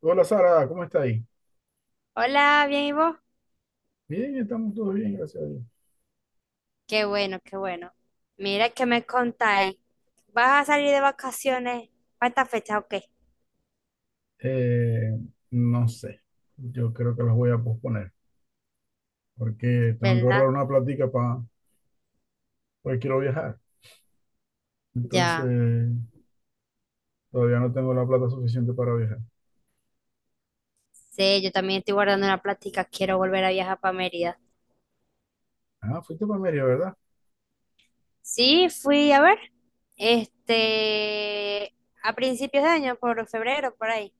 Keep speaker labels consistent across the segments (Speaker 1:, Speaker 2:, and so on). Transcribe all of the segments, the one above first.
Speaker 1: Hola Sara, ¿cómo está ahí?
Speaker 2: Hola, bien, ¿y vos?
Speaker 1: Bien, estamos todos bien, gracias a Dios.
Speaker 2: Qué bueno, qué bueno. Mira que me contáis. ¿Vas a salir de vacaciones para esta fecha o qué?
Speaker 1: Eh, no sé, yo creo que los voy a posponer porque tengo que ahorrar
Speaker 2: ¿Verdad?
Speaker 1: una platica para, porque quiero viajar. Entonces,
Speaker 2: Ya
Speaker 1: todavía no tengo la plata suficiente para viajar.
Speaker 2: sí. Yo también estoy guardando una plática. Quiero volver a viajar para Mérida.
Speaker 1: Ah, fuiste para Mérida, ¿verdad?
Speaker 2: Sí, fui a ver. Este, a principios de año, por febrero, por ahí.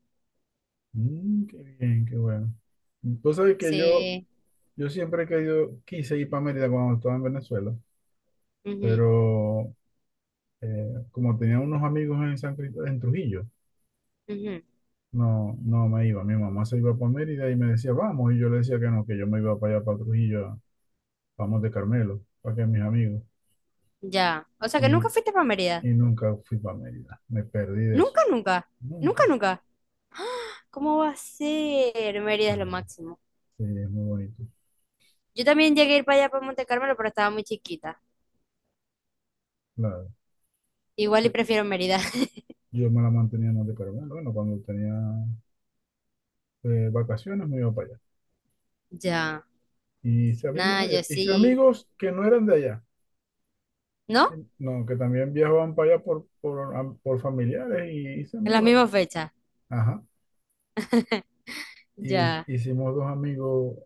Speaker 1: Mm, qué bien, qué bueno. Tú sabes que yo,
Speaker 2: Sí.
Speaker 1: yo siempre he querido, quise ir para Mérida cuando estaba en Venezuela,
Speaker 2: Ujú,
Speaker 1: pero como tenía unos amigos en San Cristóbal, en Trujillo.
Speaker 2: ujú.
Speaker 1: No, no me iba. Mi mamá se iba para Mérida y me decía, vamos. Y yo le decía que no, que yo me iba para allá, para Trujillo, vamos de Carmelo, para que mis amigos.
Speaker 2: Ya. O sea que nunca
Speaker 1: Y,
Speaker 2: fuiste para Mérida.
Speaker 1: y nunca fui para Mérida. Me perdí de eso.
Speaker 2: Nunca, nunca. Nunca,
Speaker 1: Nunca.
Speaker 2: nunca. ¿Cómo va a ser? Mérida es lo
Speaker 1: Mm.
Speaker 2: máximo.
Speaker 1: Sí, es muy bonito.
Speaker 2: Yo también llegué a ir para allá, para Monte Carmelo, pero estaba muy chiquita.
Speaker 1: Claro.
Speaker 2: Igual y
Speaker 1: Yo,
Speaker 2: prefiero Mérida.
Speaker 1: yo me la mantenía más de Carmelo. Bueno, cuando tenía vacaciones me iba para allá.
Speaker 2: Ya.
Speaker 1: Y hice amigos
Speaker 2: Nada,
Speaker 1: allá.
Speaker 2: yo
Speaker 1: Hice
Speaker 2: sí.
Speaker 1: amigos que no eran de allá. Sí,
Speaker 2: ¿No?
Speaker 1: no, que también viajaban para allá por familiares y hice
Speaker 2: En las
Speaker 1: amigos allá.
Speaker 2: mismas fechas.
Speaker 1: Ajá. Y
Speaker 2: Ya.
Speaker 1: hicimos dos amigos,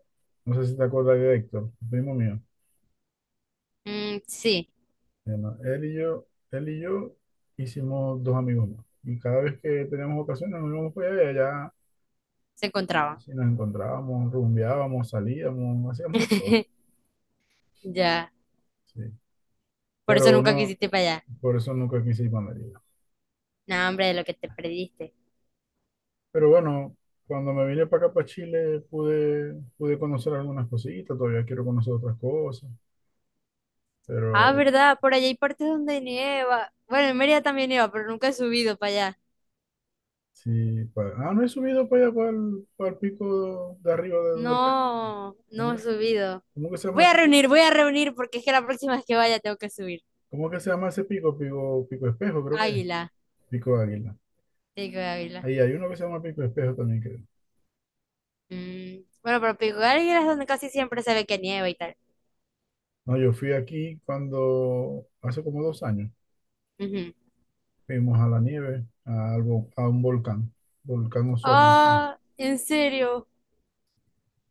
Speaker 1: no sé si te acuerdas de Héctor, primo mío.
Speaker 2: Mm, sí,
Speaker 1: Se Él y yo hicimos dos amigos más. Y cada vez que teníamos ocasiones, nos íbamos para allá, y allá,
Speaker 2: se encontraban.
Speaker 1: sí, nos encontrábamos, rumbeábamos, salíamos, hacíamos de todo.
Speaker 2: Ya.
Speaker 1: Sí.
Speaker 2: Por eso
Speaker 1: Pero
Speaker 2: nunca
Speaker 1: no,
Speaker 2: quisiste ir para allá.
Speaker 1: por eso nunca quise ir para Mérida.
Speaker 2: No, hombre, de lo que te perdiste.
Speaker 1: Pero bueno, cuando me vine para acá, para Chile, pude conocer algunas cositas, todavía quiero conocer otras cosas,
Speaker 2: Ah,
Speaker 1: pero
Speaker 2: ¿verdad? Por allá hay partes donde nieva. Bueno, en Mérida también nieva, pero nunca he subido para allá.
Speaker 1: sí, no he subido para allá, para el pico de arriba de donde cae.
Speaker 2: No,
Speaker 1: ¿Cómo
Speaker 2: no he
Speaker 1: que,
Speaker 2: subido.
Speaker 1: ¿cómo que se
Speaker 2: Voy
Speaker 1: llama
Speaker 2: a
Speaker 1: ese,
Speaker 2: reunir, voy a reunir porque es que la próxima vez que vaya tengo que subir.
Speaker 1: cómo que se llama ese pico? Pico espejo, creo que es.
Speaker 2: Águila,
Speaker 1: Pico águila.
Speaker 2: digo águila.
Speaker 1: Ahí hay uno que se llama pico espejo también, creo.
Speaker 2: Mm, bueno, pero Pico Galera es donde casi siempre se ve que nieva y tal.
Speaker 1: No, yo fui aquí cuando, hace como 2 años,
Speaker 2: Ujú.
Speaker 1: fuimos a la nieve, a, algo, a un volcán, volcán Osorno. Se
Speaker 2: Ah, ¿en serio?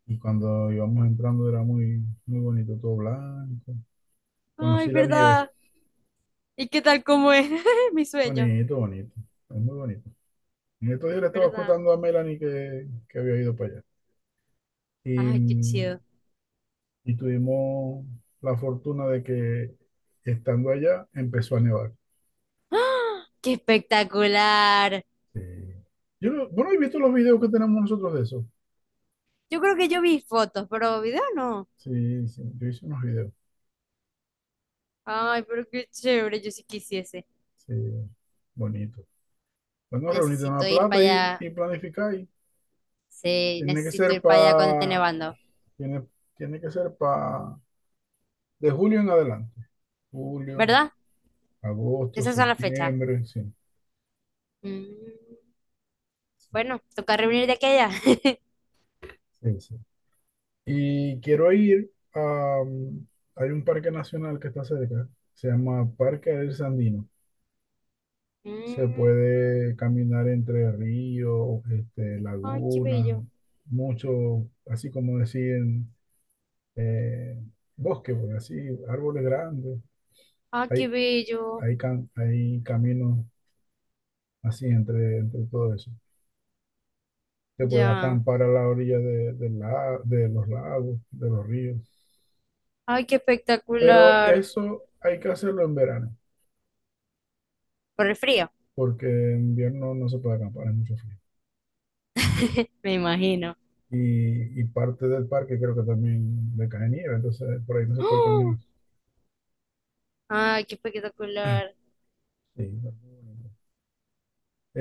Speaker 1: Y cuando íbamos entrando era muy bonito, todo blanco.
Speaker 2: Ay,
Speaker 1: Conocí la nieve.
Speaker 2: ¿verdad? ¿Y qué tal cómo es? Mi sueño,
Speaker 1: Bonito, bonito. Es muy bonito. En estos días le estaba
Speaker 2: ¿verdad?
Speaker 1: contando a Melanie que había ido para allá. Y,
Speaker 2: Ay, qué chido.
Speaker 1: y tuvimos la fortuna de que estando allá empezó a nevar.
Speaker 2: ¡Ah! ¡Qué espectacular!
Speaker 1: Sí. Yo no, bueno, he visto los videos que tenemos nosotros de eso.
Speaker 2: Yo creo que yo vi fotos, pero video no.
Speaker 1: Sí, sí, yo hice unos videos.
Speaker 2: Ay, pero qué chévere, yo sí quisiese.
Speaker 1: Sí, bonito. Bueno, reunirte
Speaker 2: Necesito
Speaker 1: una
Speaker 2: ir para
Speaker 1: plata
Speaker 2: allá.
Speaker 1: y planificar.
Speaker 2: Sí,
Speaker 1: Tiene que
Speaker 2: necesito
Speaker 1: ser
Speaker 2: ir para allá cuando esté
Speaker 1: para,
Speaker 2: nevando,
Speaker 1: tiene, tiene que ser para, de julio en adelante. Julio,
Speaker 2: ¿verdad?
Speaker 1: agosto,
Speaker 2: Esas son las fechas.
Speaker 1: septiembre, sí.
Speaker 2: Mm,
Speaker 1: Sí,
Speaker 2: bueno, toca reunir de aquella.
Speaker 1: sí, sí. Y quiero ir a... hay un parque nacional que está cerca, se llama Parque del Sandino. Se
Speaker 2: Mm.
Speaker 1: puede caminar entre ríos, este,
Speaker 2: Ay, qué
Speaker 1: lagunas,
Speaker 2: bello.
Speaker 1: mucho, así como decían, eh, bosque, pues, así, árboles grandes.
Speaker 2: Ay, qué
Speaker 1: Hay,
Speaker 2: bello.
Speaker 1: hay, cam hay caminos así entre todo eso. Se puede
Speaker 2: Ya.
Speaker 1: acampar a la orilla de los lagos, de los ríos.
Speaker 2: Ay, qué
Speaker 1: Pero
Speaker 2: espectacular.
Speaker 1: eso hay que hacerlo en verano,
Speaker 2: Por el frío.
Speaker 1: porque en invierno no se puede acampar, es mucho frío.
Speaker 2: Me imagino.
Speaker 1: Y parte del parque creo que también le cae nieve, entonces por ahí no se puede
Speaker 2: ¡Oh!
Speaker 1: caminar.
Speaker 2: Ay, qué espectacular.
Speaker 1: Sí, está muy bonito.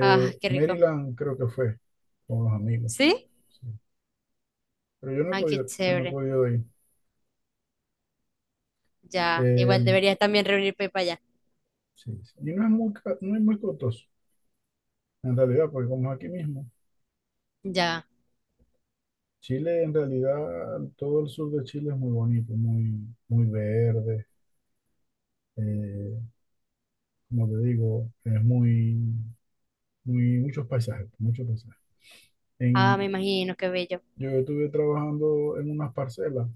Speaker 2: Ah, qué rico.
Speaker 1: Maryland creo que fue con los amigos,
Speaker 2: ¿Sí?
Speaker 1: sí.
Speaker 2: Ay, qué
Speaker 1: Yo no he
Speaker 2: chévere.
Speaker 1: podido ir.
Speaker 2: Ya.
Speaker 1: Eh,
Speaker 2: Igual deberías también reunirte para allá.
Speaker 1: sí, sí. Y no es muy, no es muy costoso, en realidad, porque como es aquí mismo,
Speaker 2: Ya.
Speaker 1: Chile en realidad, todo el sur de Chile es muy bonito, muy, muy verde. eh, como te digo, es muchos paisajes, muchos paisajes.
Speaker 2: Ah, me
Speaker 1: En,
Speaker 2: imagino, qué bello.
Speaker 1: Yo estuve trabajando en unas parcelas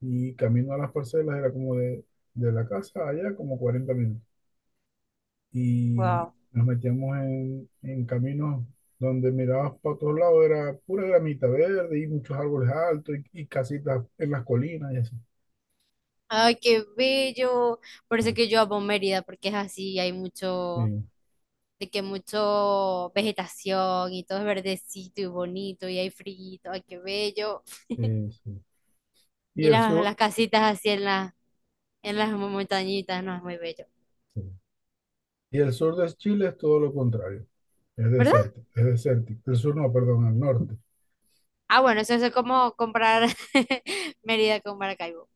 Speaker 1: y camino a las parcelas era de la casa allá como 40 minutos. Y
Speaker 2: Wow.
Speaker 1: nos metíamos en caminos donde mirabas para todos lados, era pura gramita verde y muchos árboles altos y casitas en las colinas y así.
Speaker 2: Ay, qué bello. Por eso
Speaker 1: Sí,
Speaker 2: que yo amo Mérida, porque es así, hay mucho,
Speaker 1: sí,
Speaker 2: de que mucho vegetación y todo es verdecito y bonito y hay frío. Ay, qué bello.
Speaker 1: sí, sí, y
Speaker 2: Y
Speaker 1: el
Speaker 2: las,
Speaker 1: sur,
Speaker 2: las casitas así en, en las montañitas, no, es muy bello.
Speaker 1: sí, y el sur de Chile es todo lo contrario, es
Speaker 2: ¿Verdad?
Speaker 1: desértico, es desértico. El sur no, perdón, el norte.
Speaker 2: Ah, bueno, eso es como comprar Mérida con Maracaibo.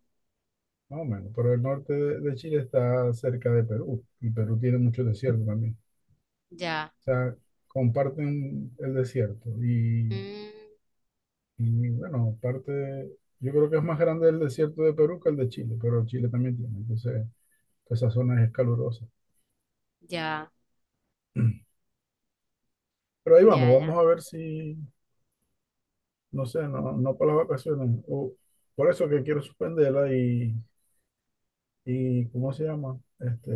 Speaker 1: Más o menos, pero el norte de Chile está cerca de Perú y Perú tiene mucho desierto también.
Speaker 2: Ya.
Speaker 1: O sea, comparten el desierto
Speaker 2: Mm,
Speaker 1: bueno, parte, yo creo que es más grande el desierto de Perú que el de Chile, pero Chile también tiene, entonces esa zona es calurosa.
Speaker 2: ya,
Speaker 1: Pero ahí vamos, vamos
Speaker 2: ya.
Speaker 1: a ver si, no sé, no, no para las vacaciones, o por eso que quiero suspenderla y ¿cómo se llama? Este,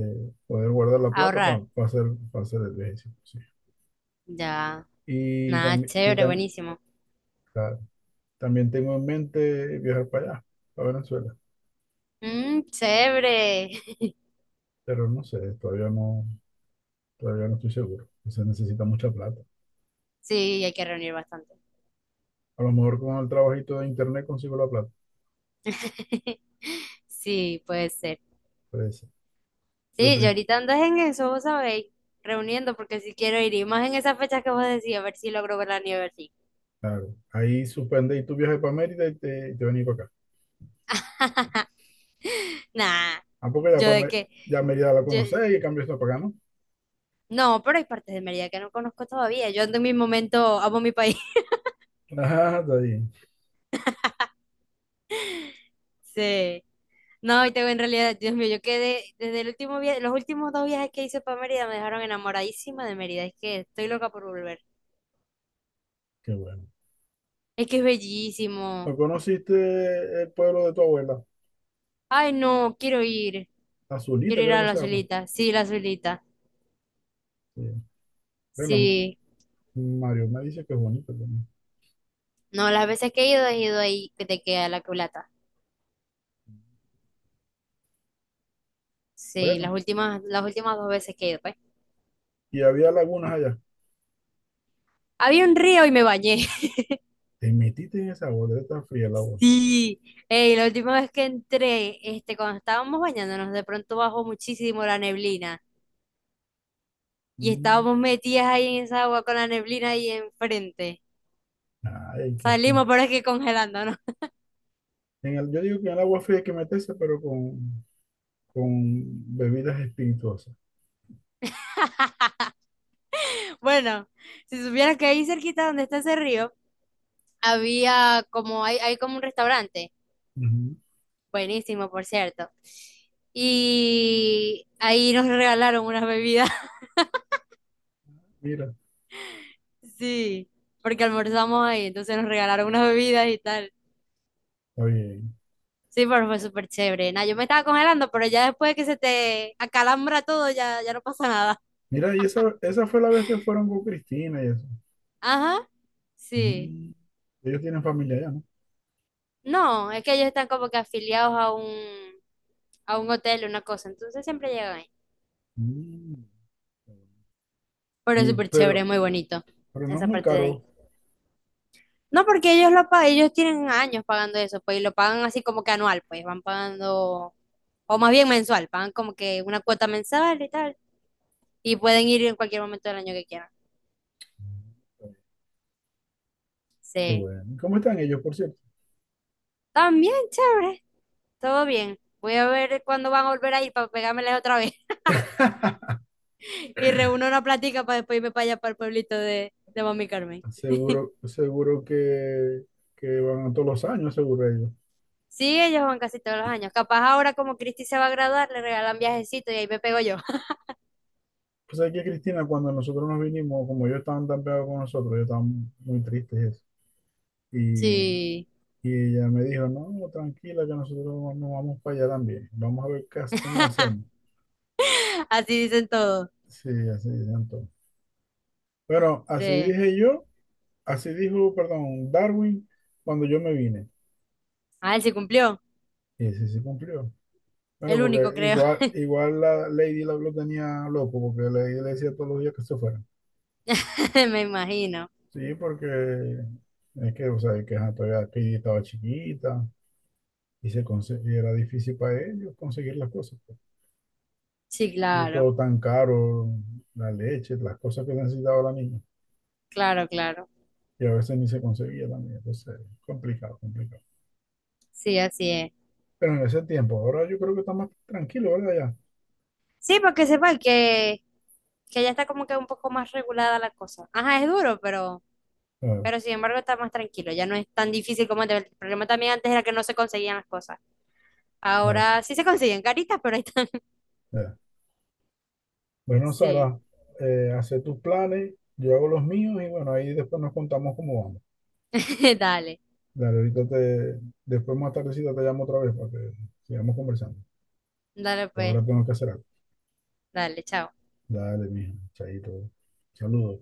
Speaker 1: poder guardar la plata
Speaker 2: Ahorrar.
Speaker 1: para hacer, pa hacer el viaje. Sí.
Speaker 2: Ya. Nada,
Speaker 1: Y
Speaker 2: chévere,
Speaker 1: también,
Speaker 2: buenísimo.
Speaker 1: también tengo en mente viajar para allá, para Venezuela,
Speaker 2: Mm, chévere.
Speaker 1: pero no sé, todavía no estoy seguro. Se necesita mucha plata.
Speaker 2: Sí, hay que reunir bastante.
Speaker 1: A lo mejor con el trabajito de internet consigo la plata,
Speaker 2: Sí, puede ser.
Speaker 1: puede ser. Pero
Speaker 2: Sí, yo ahorita ando en eso, vos sabéis, reuniendo, porque si quiero ir, y más en esas fechas que vos decís, a ver si logro ver la nieve así.
Speaker 1: claro, ahí suspende y tu viaje para Mérida y te venís para acá.
Speaker 2: Nah.
Speaker 1: Ah, porque ya,
Speaker 2: Yo de que,
Speaker 1: Ya Mérida la
Speaker 2: yo,
Speaker 1: conocés y en cambio está para acá, ¿no?
Speaker 2: no, pero hay partes de Mérida que no conozco todavía. Yo ando en mi momento, amo mi país.
Speaker 1: Ah, está bien.
Speaker 2: Sí. No, y tengo en realidad, Dios mío, yo quedé desde el último viaje, los últimos dos viajes que hice para Mérida me dejaron enamoradísima de Mérida. Es que estoy loca por volver.
Speaker 1: Qué bueno.
Speaker 2: Es que es bellísimo.
Speaker 1: ¿No conociste el pueblo de tu abuela?
Speaker 2: Ay, no, quiero ir.
Speaker 1: Azulita,
Speaker 2: Quiero ir
Speaker 1: creo
Speaker 2: a
Speaker 1: que
Speaker 2: la
Speaker 1: se llama.
Speaker 2: Zulita. Sí, la Zulita.
Speaker 1: Sí. Bueno,
Speaker 2: Sí.
Speaker 1: Mario me dice que es bonito también.
Speaker 2: No, las veces que he ido ahí que te queda la culata. Sí, las
Speaker 1: Bueno,
Speaker 2: últimas, las últimas dos veces que he ido, pues.
Speaker 1: y había lagunas allá.
Speaker 2: Había un río y me bañé.
Speaker 1: Te metiste en esa agua, debe estar fría el agua.
Speaker 2: Sí, ey, la última vez que entré, cuando estábamos bañándonos, de pronto bajó muchísimo la neblina y
Speaker 1: Mm,
Speaker 2: estábamos metidas ahí en esa agua con la neblina ahí enfrente.
Speaker 1: ay, qué
Speaker 2: Salimos,
Speaker 1: rico.
Speaker 2: pero es que congelándonos.
Speaker 1: En el- yo digo que en el agua fría hay que meterse, pero con bebidas espirituosas.
Speaker 2: Bueno, si supieras que ahí cerquita donde está ese río, hay como un restaurante,
Speaker 1: Ujú.
Speaker 2: buenísimo, por cierto. Y ahí nos regalaron unas bebidas,
Speaker 1: Mira,
Speaker 2: sí, porque almorzamos ahí, entonces nos regalaron unas bebidas y tal.
Speaker 1: está bien.
Speaker 2: Sí, pero fue súper chévere. Nah, yo me estaba congelando, pero ya después que se te acalambra todo, ya no pasa nada.
Speaker 1: Mira, y esa fue la vez que fueron con Cristina y eso.
Speaker 2: Ajá, sí.
Speaker 1: Mm, ellos tienen familia allá, ¿no?
Speaker 2: No, es que ellos están como que afiliados a a un hotel, una cosa, entonces siempre llegan ahí.
Speaker 1: Mm,
Speaker 2: Pero es
Speaker 1: Y,
Speaker 2: súper chévere,
Speaker 1: pero,
Speaker 2: muy bonito
Speaker 1: pero no es
Speaker 2: esa
Speaker 1: muy
Speaker 2: parte de ahí.
Speaker 1: caro.
Speaker 2: No, porque ellos lo pagan, ellos tienen años pagando eso, pues, y lo pagan así como que anual, pues, van pagando, o más bien mensual, pagan como que una cuota mensual y tal, y pueden ir en cualquier momento del año que quieran.
Speaker 1: Qué
Speaker 2: Sí,
Speaker 1: bueno. ¿Cómo están ellos, por cierto?
Speaker 2: también chévere. Todo bien. Voy a ver cuándo van a volver a ir para pegármeles otra vez. Y reúno una plática para después irme para allá, para el pueblito de, Mami Carmen.
Speaker 1: Seguro, que van todos los años, seguro ellos.
Speaker 2: Sí, ellos van casi todos los años. Capaz ahora como Cristi se va a graduar, le regalan viajecito y ahí me pego yo.
Speaker 1: Pues aquí Cristina, cuando nosotros nos vinimos, como yo estaban tan pegados con nosotros, yo estaba muy triste y eso. Y,
Speaker 2: Sí.
Speaker 1: y ella me dijo, no, no, tranquila, que nosotros nos vamos para allá también. Vamos a ver qué, cómo hacemos.
Speaker 2: Así dicen todos.
Speaker 1: Sí, así dicen todos. Pero así
Speaker 2: Sí.
Speaker 1: dije yo, así dijo, perdón, Darwin, cuando yo me vine.
Speaker 2: Ah, él sí cumplió.
Speaker 1: Y ese sí se cumplió. Bueno,
Speaker 2: El único,
Speaker 1: porque
Speaker 2: creo.
Speaker 1: igual, igual la Lady lo tenía loco, porque le decía todos los días que se fuera.
Speaker 2: Me imagino.
Speaker 1: Sí, porque es que, o sea, que ajá, todavía aquí estaba chiquita, y era difícil para ellos conseguir las cosas, pues.
Speaker 2: Sí,
Speaker 1: Y
Speaker 2: claro.
Speaker 1: todo tan caro, la leche, las cosas que necesitaba la niña.
Speaker 2: Claro, claro.
Speaker 1: Y a veces ni se conseguía la niña. Entonces, complicado, complicado.
Speaker 2: Sí, así es.
Speaker 1: Pero en ese tiempo, ahora yo creo que está más tranquilo, ¿verdad?
Speaker 2: Sí, porque sepan que ya está como que un poco más regulada la cosa. Ajá, es duro,
Speaker 1: Ya.
Speaker 2: pero sin embargo está más tranquilo, ya no es tan difícil como antes. El problema también antes era que no se conseguían las cosas.
Speaker 1: Ah,
Speaker 2: Ahora sí se consiguen caritas, pero ahí están.
Speaker 1: ya. Bueno,
Speaker 2: Sí,
Speaker 1: Sara, hace tus planes, yo hago los míos y bueno, ahí después nos contamos cómo vamos.
Speaker 2: dale,
Speaker 1: Dale, después más tardecita te llamo otra vez para que sigamos conversando.
Speaker 2: dale
Speaker 1: Que
Speaker 2: pues,
Speaker 1: ahora tengo que hacer algo.
Speaker 2: dale, chao.
Speaker 1: Dale, mijo, chaito. Saludos.